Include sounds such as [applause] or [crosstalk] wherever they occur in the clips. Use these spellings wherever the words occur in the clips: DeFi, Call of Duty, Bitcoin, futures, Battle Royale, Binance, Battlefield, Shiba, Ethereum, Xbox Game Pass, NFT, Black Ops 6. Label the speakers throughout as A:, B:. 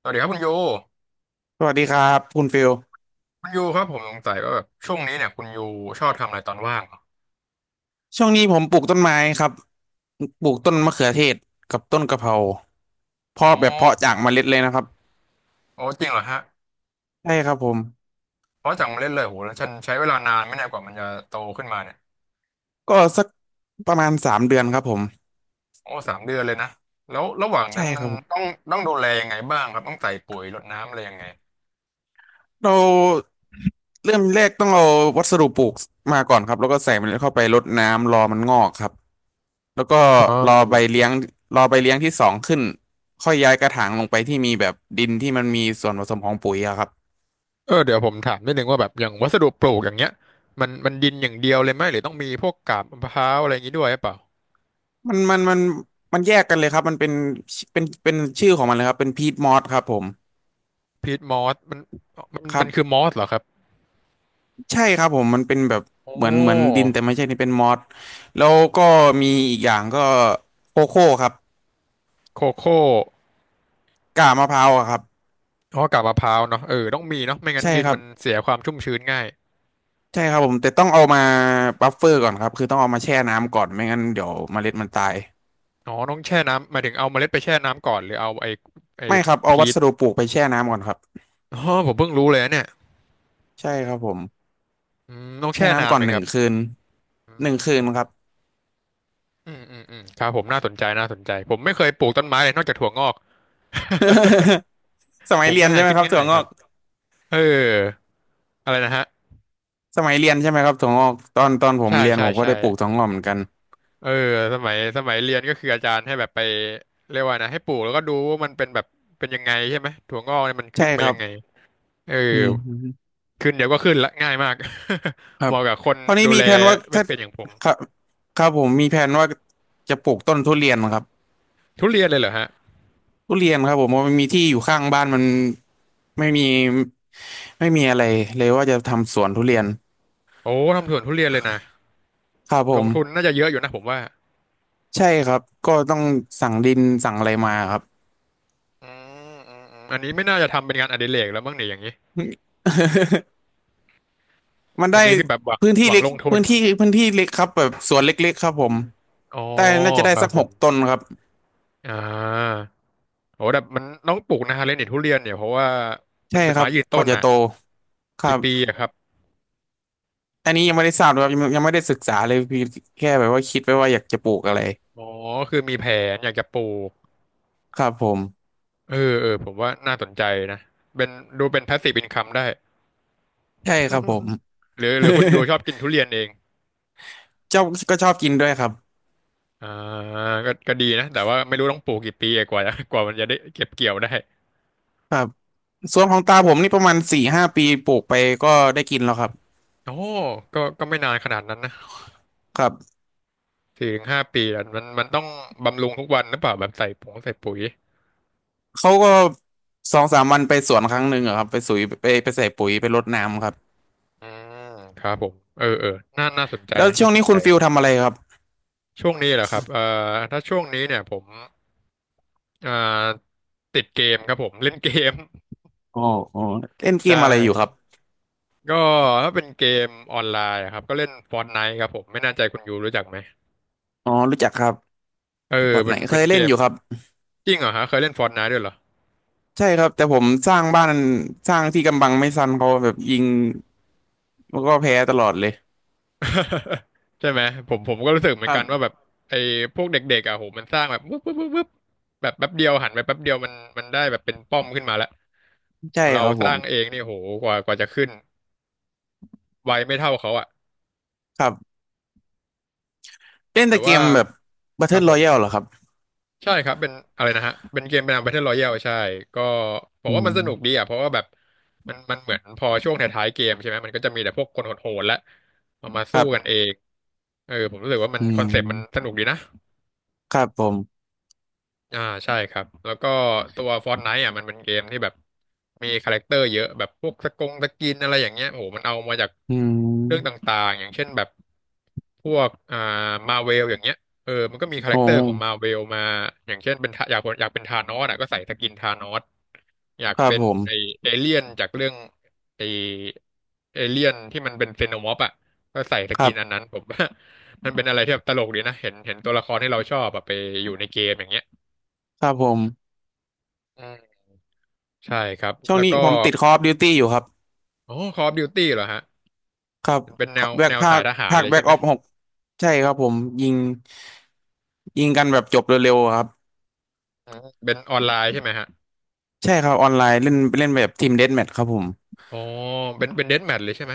A: สวัสดีครับคุณยู
B: สวัสดีครับคุณฟิล
A: คุณยูครับผมสงสัยว่าแบบช่วงนี้เนี่ยคุณยูชอบทำอะไรตอนว่างเหรอ
B: ช่วงนี้ผมปลูกต้นไม้ครับปลูกต้นมะเขือเทศกับต้นกะเพรา
A: อ๋อ
B: เพาะจากเมล็ดเลยนะครับ
A: โอ้จริงเหรอฮะ
B: ใช่ครับผม
A: เพราะจากมาเล่นเลยโหแล้วฉันใช้เวลานานไหม่แน่ยกว่ามันจะโตขึ้นมาเนี่ย
B: ก็สักประมาณ3 เดือนครับผม
A: โอ้สามเดือนเลยนะแล้วระหว่างนั้
B: ใช่
A: นมั
B: ค
A: น
B: รับผ
A: ต้อ
B: ม
A: งต้องดูแลยังไงบ้างครับต้องใส่ปุ๋ยรดน้ำอะไรยังไง
B: เราเริ่มแรกต้องเอาวัสดุปลูกมาก่อนครับแล้วก็ใส่เมล็ดเข้าไปรดน้ำรอมันงอกครับแล้วก็
A: อ๋
B: รอใบ
A: อ
B: เลี้ยงรอใบเลี้ยงที่สองขึ้นค่อยย้ายกระถางลงไปที่มีแบบดินที่มันมีส่วนผสมของปุ๋ยอะครับ
A: เออเดี๋ยวผมถามนิดนึงว่าแบบอย่างวัสดุปลูกอย่างเงี้ยมันดินอย่างเดียวเลยไหมหรือต้องมีพวกกาบมะพร้าวอะไรอย่างงี้ด้วยหรือเปล่า
B: มันมันมันมันแยกกันเลยครับมันเป็นเป็นชื่อของมันเลยครับเป็นพีทมอสครับผม
A: พีทมอสมัน
B: ครั
A: มันคือ
B: บ
A: มอสเหรอครับ
B: ใช่ครับผมมันเป็นแบบ
A: โอ
B: เหมือนเหมือน
A: ้
B: ดินแต่ไม่ใช่นี่เป็นมอสแล้วก็มีอีกอย่างก็โคโค่ครับ
A: โคโค่
B: กากมะพร้าวอะครับ
A: อ๋อกาบมะพร้าวเนาะเออต้องมีเนาะไม่งั้น
B: ใช่
A: ดิน
B: ครับ
A: มันเสียความชุ่มชื้นง่าย
B: ใช่ครับผมแต่ต้องเอามาบัฟเฟอร์ก่อนครับคือต้องเอามาแช่น้ำก่อนไม่งั้นเดี๋ยวเมล็ดมันตาย
A: อ๋อต้องแช่น้ำหมายถึงเอาเมล็ดไปแช่น้ำก่อนหรือเอาไอ้ไอ้
B: ไม่ครับเอา
A: พี
B: วั
A: ช
B: สดุปลูกไปแช่น้ำก่อนครับ
A: อ๋อผมเพิ่งรู้เลยนะเนี่ย
B: ใช่ครับผม
A: อืมต้อง
B: แช่
A: แช่นา
B: น้ำ
A: น
B: ก่อ
A: ไหม
B: นห
A: ค
B: นึ่ง
A: รับ
B: คืนหนึ่งคืนครับ
A: อืมอืมอืมอืมครับผมน่าสนใจน่าสนใจผมไม่เคยปลูกต้นไม้เลยนอกจากถั่วงอก
B: [laughs] ส
A: ป
B: มัย
A: ลูก
B: เรียน
A: ง่าย
B: ใช่ไหม
A: ขึ้น
B: ครับ
A: ง่า
B: ถั่ว
A: ย
B: ง
A: ค
B: อ
A: รับ
B: ก
A: เอออะไรนะฮะ
B: สมัยเรียนใช่ไหมครับถั่วงอกตอนผม
A: ใช่
B: เรียน
A: ใช่
B: ผมก็
A: ใช่
B: ได้ปลูกถั่วงอกเหมือนกัน
A: เออสมัยเรียนก็คืออาจารย์ให้แบบไปเรียกว่านะให้ปลูกแล้วก็ดูว่ามันเป็นแบบเป็นยังไงใช่ไหมถั่วงอกเนี่ยมัน
B: ใช่
A: ขึ้นมา
B: ครั
A: ยั
B: บ
A: งไงเออ
B: อืม
A: ขึ้นเดี๋ยวก็ขึ้นละง่ายมาก
B: ค
A: [laughs] เห
B: รับ
A: มาะกับคน
B: ตอนนี้
A: ดู
B: มี
A: แล
B: แผนว่า
A: ไม่
B: ถ้า
A: เป็นอย่างผม
B: ครับครับผมมีแผนว่าจะปลูกต้นทุเรียนครับ
A: ทุเรียนเลยเหรอฮะ
B: ทุเรียนครับผมเพราะมันมีที่อยู่ข้างบ้านมันไม่มีไม่มีอะไรเลยว่าจะทำสวนทุเรียน
A: โอ้ทำสวนทุเรียนเลยนะ
B: ครับผ
A: ลงทุน
B: ม
A: น่าจะเยอะอยู่นะผมว่า
B: ใช่ครับก็ต้องสั่งดินสั่งอะไรมาครับ
A: อืมอืมอืมอันนี้ไม่น่าจะทำเป็นงานอดิเรกแล้วมั้งเนี่ยอย่างนี้
B: [laughs] มัน
A: อัน
B: ได้
A: นี้คือแบบหวัง
B: พื้น
A: ห
B: ที่
A: วัง
B: เล็ก
A: ลงทุน
B: พื้นที่พื้นที่เล็กครับแบบสวนเล็กๆครับผม
A: อ๋อ
B: ได้น่าจะได้
A: ครับ
B: สัก
A: ผ
B: ห
A: ม
B: กต้นครับ
A: อ่าโอ้แต่มันต้องปลูกนานเลยนี่ทุเรียนเนี่ยเพราะว่ามั
B: ใช่
A: นเป็น
B: ครั
A: ไม้
B: บ
A: ยืน
B: ก
A: ต้
B: ว่า
A: น
B: จะ
A: น่ะ
B: โตครั
A: กี่
B: บ
A: ปีอะครับ
B: อันนี้ยังไม่ได้ทราบเลยครับยังไม่ได้ศึกษาเลยพี่แค่แบบว่าคิดไว้ว่าอยากจะปลูกอะไร
A: อ๋อคือมีแผนอยากจะปลูก
B: ครับผม
A: เออเออผมว่าน่าสนใจนะเป็นดูเป็น passive income ได้
B: ใช่ครับผม
A: หรือหรือคุณยูชอบกิน
B: [laughs]
A: ทุเรียนเอง
B: ชอบก็ชอบกินด้วยครับ
A: อ่าก็ก็ดีนะแต่ว่าไม่รู้ต้องปลูกกี่ปีอะกว่าจะ [laughs] กว่ามันจะได้เก็บเกี่ยวได้
B: ครับสวนของตาผมนี่ประมาณ4-5 ปีปลูกไปก็ได้กินแล้วครับ
A: โอ้ก็ก็ไม่นานขนาดนั้นนะ
B: ครับ
A: สี่ถึงห้าปีอะมันต้องบำรุงทุกวันหรือเปล่าแบบใส่ผงใส่ปุ๋ย
B: เขาก็2-3 วันไปสวนครั้งหนึ่งอะครับไปสุยไปใส่ปุ๋ยไปรดน้ำครับ
A: อืมครับผมเออเออน่าน่าสนใจ
B: แล้ว
A: นะ
B: ช่
A: น่า
B: วง
A: ส
B: นี้
A: นใจ
B: คุณฟิลทำอะไรครับ
A: ช่วงนี้เหรอครับถ้าช่วงนี้เนี่ยผมอ่าติดเกมครับผมเล่นเกม
B: อ๋ออ๋อเล่น
A: [laughs]
B: เก
A: ใช่
B: มอะไรอยู่ครับ
A: ก็ถ้าเป็นเกมออนไลน์อะครับก็เล่น Fortnite ครับผมไม่แน่ใจคุณยูรู้จักไหม
B: อ๋อรู้จักครับ
A: เออ
B: บอท
A: เป็
B: ไหน
A: น
B: เค
A: เป็น
B: ย
A: เก
B: เล่น
A: ม
B: อยู่ครับ
A: จริงเหรอฮะเคยเล่น Fortnite ด้วยเหรอ
B: ใช่ครับ แต่ผมสร้างบ้านสร้างที่กำบังไม่ซันเขาแบบยิงแล้วก็แพ้ตลอดเลย
A: [laughs] ใช่ไหมผมก็รู้สึกเห
B: ค
A: มือน
B: รั
A: กันว่าแบ
B: บ
A: บไอ้พวกเด็กๆอ่ะโหมันสร้างแบบวึบวึบวึบวึบแบบแป๊บเดียวหันไปแป๊บเดียวมันมันได้แบบเป็นป้อมขึ้นมาแล้ว
B: ใช่
A: ของเรา
B: ครับ
A: ส
B: ผม
A: ร้างเองนี่โหกว่าจะขึ้นไวไม่เท่าเขาอ่ะ
B: ครับเล่น
A: แต่
B: แต่เก
A: ว่า
B: มแบบ
A: ครับ
B: Battle
A: ผม
B: Royale เหรอครับ
A: ใช่ครับเป็นอะไรนะฮะเป็นเกมเป็น Battle Royale ใช่ก็ผม
B: อื
A: ว่ามั
B: ม
A: นสนุกดีอ่ะเพราะว่าแบบมันเหมือนพอช่วงท้ายๆเกมใช่ไหมมันก็จะมีแต่พวกคนโหดๆและเอามา
B: ค
A: สู้
B: รั
A: กัน
B: บ
A: เองเออผมรู้สึกว่ามัน
B: อื
A: คอนเซปต์มันส
B: ม
A: นุกดีนะ
B: ครับผม
A: อ่าใช่ครับแล้วก็ตัว Fortnite อ่ะมันเป็นเกมที่แบบมีคาแรคเตอร์เยอะแบบพวกสกงสกินอะไรอย่างเงี้ยโอ้โหมันเอามาจาก
B: อื
A: เรื่องต
B: ม
A: ่างๆอย่างเช่นแบบพวกอ่ามาเวลอย่างเงี้ยเออมันก็มีคาแร
B: โอ้
A: คเตอร์ของมาเวลมาอย่างเช่นเป็นทะอยากเป็นธานอสอ่ะก็ใส่สกินธานอสอยาก
B: ครับ
A: เป็น
B: ผ
A: ไอ
B: ม
A: เอเลี่ยนจากเรื่องไอเอเลี่ยนที่มันเป็นเซโนมอร์ฟอ่ะก็ใส่ส
B: ครั
A: กิน
B: บ
A: อันนั้นผม [laughs] ว่า [laughs] มันเป็นอะไรที่แบบตลกดีนะเห็นตัวละครที่เราชอบอะไปอยู่ในเกมอย่างเงี้ย
B: ครับผม
A: อืมใช่ครับ
B: ช่วง
A: แล้ว
B: นี้
A: ก็
B: ผมติด Call of Duty อยู่ครับ
A: ออ Call of Duty เหรอฮะ
B: ครับ
A: เป็นแนว
B: แบ
A: แน
B: ก
A: ว
B: ภา
A: สา
B: ค
A: ยทหาร
B: ภาค
A: เลย
B: แบ็
A: ใช่
B: ก
A: ไห
B: อ
A: ม
B: อฟหกใช่ครับผมยิงยิงกันแบบจบเร็วๆอะครับ
A: อืมเป็นออนไลน์ใช่ไหมฮะ
B: ใช่ครับออนไลน์เล่นเล่นแบบทีมเดธแมทครับผม
A: อ๋อเป็นเดธแมทเลยใช่ไหม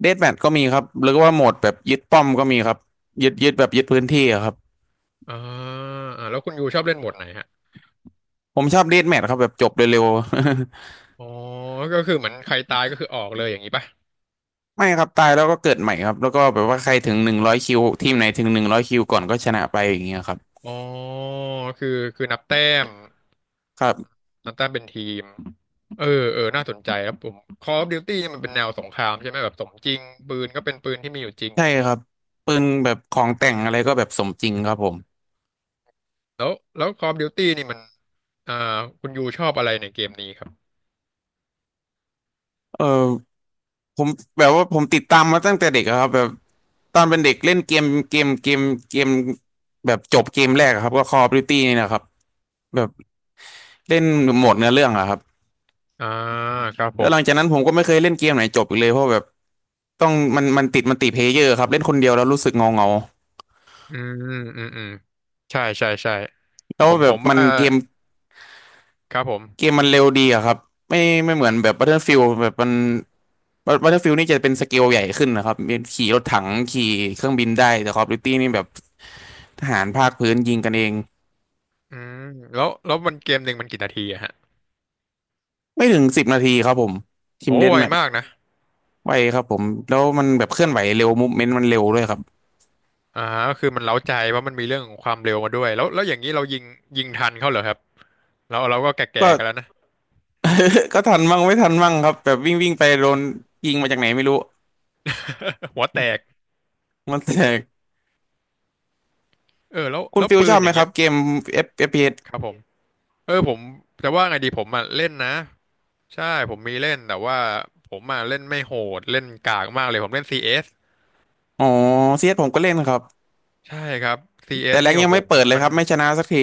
B: เดธแมทก็มีครับหรือว่าโหมดแบบยึดป้อมก็มีครับยึดแบบยึดพื้นที่อะครับ
A: อ่าอ่าแล้วคุณยูชอบเล่นโหมดไหนฮะ
B: ผมชอบเดธแมทครับแบบจบเร็วๆ
A: อ๋อก็คือเหมือนใครตายก็คือออกเลยอย่างนี้ป่ะ
B: [laughs] ไม่ครับตายแล้วก็เกิดใหม่ครับแล้วก็แบบว่าใครถึงหนึ่งร้อยคิวทีมไหนถึงหนึ่งร้อยคิวก่อนก็ชนะไปอย่างเงี้ยครับ
A: อ๋อคือคือม
B: ครับ
A: นับแต้มเป็นทีมเออเออน่าสนใจครับผม Call of Duty เนี่ยมันเป็นแนวสงครามใช่ไหมแบบสมจริงปืนก็เป็นปืนที่มีอยู่จริง
B: ใช่ครับปืนแบบของแต่งอะไรก็แบบสมจริงครับผม
A: แล้วแล้ว Call of Duty นี่มันอ่าคุณยูชอบอะไรในเกมนี้ครับ
B: เออผมแบบว่าผมติดตามมาตั้งแต่เด็กอะครับแบบตอนเป็นเด็กเล่นเกมแบบจบเกมแรกอะครับก็ Call of Duty นี่นะครับแบบ เล่นโหมดเนื้อเรื่องอะครับ
A: อ่าครับผ
B: แล้ว
A: ม
B: หลังจากนั้นผมก็ไม่เคยเล่นเกมไหนจบอีกเลยเพราะแบบต้องมันติเพลเยอร์ครับเล่นคนเดียวแล้วรู้สึกเงาเงา
A: อืมอืมอืมใช่ใช่ใช่
B: แล้
A: ผ
B: ว
A: ม
B: แบ
A: ผ
B: บ
A: ม
B: มัน
A: ว่า
B: เกม
A: ครับผม
B: เกมมันเร็วดีอะครับไม่ไม่เหมือนแบบ Battlefield แบบมัน Battlefield นี่จะเป็นสเกลใหญ่ขึ้นนะครับมีขี่รถถังขี่เครื่องบินได้แต่ Call of Duty นี่แบบทหารภาคพื้นยิงกันเอง
A: อืมแล้วมันเกมหนึ่งมันกี่นาทีอะฮะ
B: ไม่ถึง10 นาทีครับผมที
A: โอ้
B: มเดธ
A: ไว
B: แมท
A: มากนะ
B: ไวครับผมแล้วมันแบบเคลื่อนไหวเร็วมูฟเมนต์มันเร็วด้วยครับ
A: อ่าก็คือมันเร้าใจว่าะมันมีเรื่องของความเร็วมาด้วยแล้วอย่างนี้เรายิงทันเขาเหรอครับเราก็แก่
B: ก็
A: ๆกันแล้วนะ
B: [laughs] ก็ทันมั่งไม่ทันมั่งครับแบบวิ่งวิ่งไปโดนยิงมาจากไหนไม่รู้
A: [laughs] หัวแตก
B: มันแตก
A: เออแล้ว
B: คุณฟิล
A: ปื
B: ชอ
A: น
B: บ
A: อ
B: ไหม
A: ย่าง
B: ค
A: เงี้
B: รั
A: ย
B: บเกม FPS
A: ครับผม เออผมแต่ว่าไงดีผมอ่ะเล่นนะใช่ผมมีเล่นแต่ว่าผมอ่ะเล่นไม่โหดเล่นกากมากเลยผมเล่น CS
B: อ๋อเซียสผมก็เล่นครับ
A: ใช่ครับซีเอ
B: แต่
A: ส
B: แร
A: นี่
B: ง
A: โอ้
B: ยัง
A: โห
B: ไม่เปิดเลย
A: มัน
B: ครับไม่ชนะสักที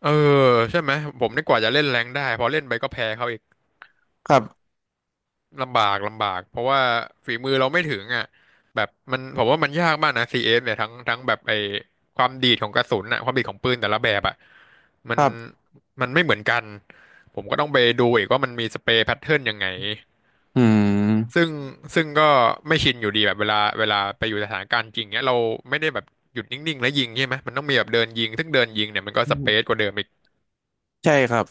A: เออใช่ไหมผมนี่กว่าจะเล่นแรงค์ได้พอเล่นไปก็แพ้เขาอีก
B: ครับ
A: ลำบากเพราะว่าฝีมือเราไม่ถึงอ่ะแบบมันผมว่ามันยากมากนะ CS เอสเนี่ยทั้งแบบไอ้ความดีดของกระสุนอ่ะความดีดของปืนแต่ละแบบอ่ะมั
B: ค
A: น
B: รับ
A: มันไม่เหมือนกันผมก็ต้องไปดูอีกว่ามันมีสเปรย์แพทเทิร์นยังไง
B: อื
A: ซึ่ง
B: ม
A: ซึ่งก็ไม่ชินอยู่ดีแบบเวลาไปอยู่สถานการณ์จริงเนี้ยเราไม่ได้แบบหยุดนิ่งๆแล้วยิงใช่ไหมมันต้องมีแบบเดินยิงซึ่งเดินยิงเนี่ยมันก็สเปซกว่าเดิมอีก
B: ใช่ครับ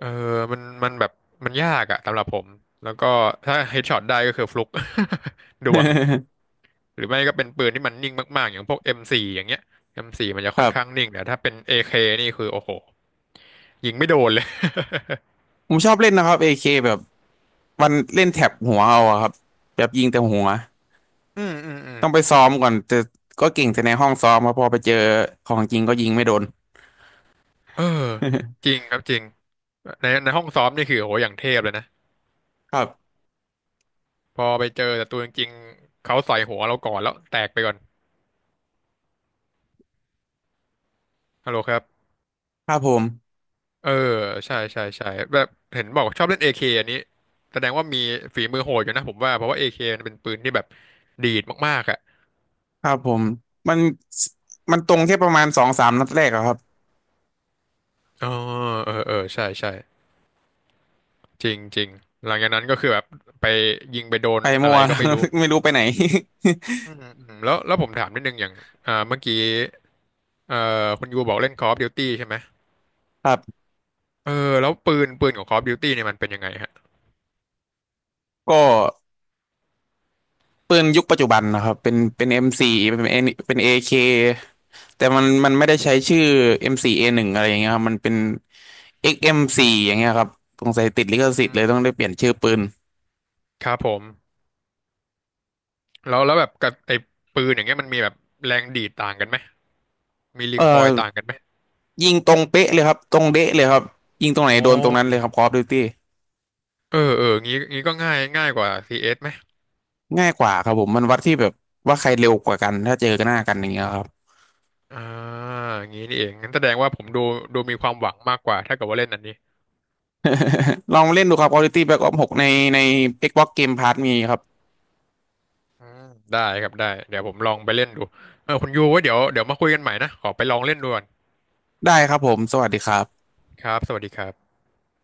A: เออมันแบบมันยากอะสำหรับผมแล้วก็ถ้าเฮดช็อตได้ก็คือฟลุก [laughs] ดวงหรือไม่ก็เป็นปืนที่มันนิ่งมากๆอย่างพวก M4 อมโฟร์อย่างเงี้ย M4 มโฟร์มันจะ
B: [laughs] ค
A: ค่อน
B: รั
A: ข้าง
B: บ
A: นิ่งแต่ถ้าเป็น AK นี่คือโอ้โหยิงไม่โดนเลย
B: ผมชอบเล่นนะครับ AK แบบวันเล่นแถบหัวเอาอะครับแบบยิงแต่หัว
A: [laughs] อืมอืมอืม
B: ต้องไปซ้อมก่อนแต่ก็เก่งแต่ในห้องซ้อมครับพอไปเจอของจริงก็ยิงไม่โดน
A: เออจริงครับจริงในห้องซ้อมนี่คือโอ้โหอย่างเทพเลยนะ
B: [laughs] ครับ
A: พอไปเจอศัตรูจริงๆเขาใส่หัวเราก่อนแล้วแตกไปก่อนฮัลโหลครับ
B: ครับผม
A: เออใช่ใช่ใช่แบบเห็นบอกว่าชอบเล่นเอเคอันนี้แสดงว่ามีฝีมือโหดอยู่นะผมว่าเพราะว่าเอเคมันเป็นปืนที่แบบดีดมากๆอ่ะ
B: ครับผมมันมันตรงแค่ประมาณ2-3 นัดแรกอะครับ
A: อ๋อเออเออใช่ใช่จริงจริงหลังจากนั้นก็คือแบบไปยิงไปโดน
B: ไป
A: อะ
B: มั่
A: ไร
B: ว
A: ก็ไม่รู้
B: [laughs] ไม่รู้ไปไหน [laughs]
A: อืมอืมแล้วผมถามนิดนึงอย่างเมื่อกี้เอ่อคุณยูบอกเล่น Call of Duty ใช่ไหม
B: ครับ
A: เออแล้วปืนของ Call of Duty เนี่ยมันเป็นยังไงฮะ
B: ก็ปืนยุคปัจจุบันนะครับเป็น M4 เป็น N เป็น AK แต่มันไม่ได้ใช้ชื่อ M4A1 อมโฟร์เอหนึ่งอะไรอย่างเงี้ยครับมันเป็น XM4 อกซ์เอ็มโฟร์อย่างเงี้ยครับสงสัยติดลิ
A: อื
B: ขสิทธิ์เลยต้อง
A: ม
B: ได้เปลี่ยนชื่อปืน
A: ครับผม แล้วแบบกับไอ้ปืนอย่างเงี้ยมันมีแบบแรงดีดต่างกันไหมมีรี
B: เอ่อ
A: คอยต่างกันไหม
B: ยิงตรงเป๊ะเลยครับตรงเด๊ะเลยครับยิงตรงไหน
A: อ๋อ
B: โดนตรงนั้นเลยครับ Call of Duty
A: เออเอองี้ก็ง่ายกว่า CS ไหม
B: ง่ายกว่าครับผมมันวัดที่แบบว่าใครเร็วกว่ากันถ้าเจอกันหน้ากันอย่างเงี้ยครับ
A: อ่างี้นี่เองงั้นแสดงว่าผมดูมีความหวังมากกว่าถ้าเกิดว่าเล่นอันนี้
B: [laughs] ลองเล่นดูครับ Quality Black Ops 6ใน Xbox Game Pass มีครับ
A: อืมได้ครับได้เดี๋ยวผมลองไปเล่นดูเออคุณยูไว่าเดี๋ยวมาคุยกันใหม่นะขอไปลองเล่นดูก่อน
B: ได้ครับผมสวัสดีครับ
A: ครับสวัสดีครับ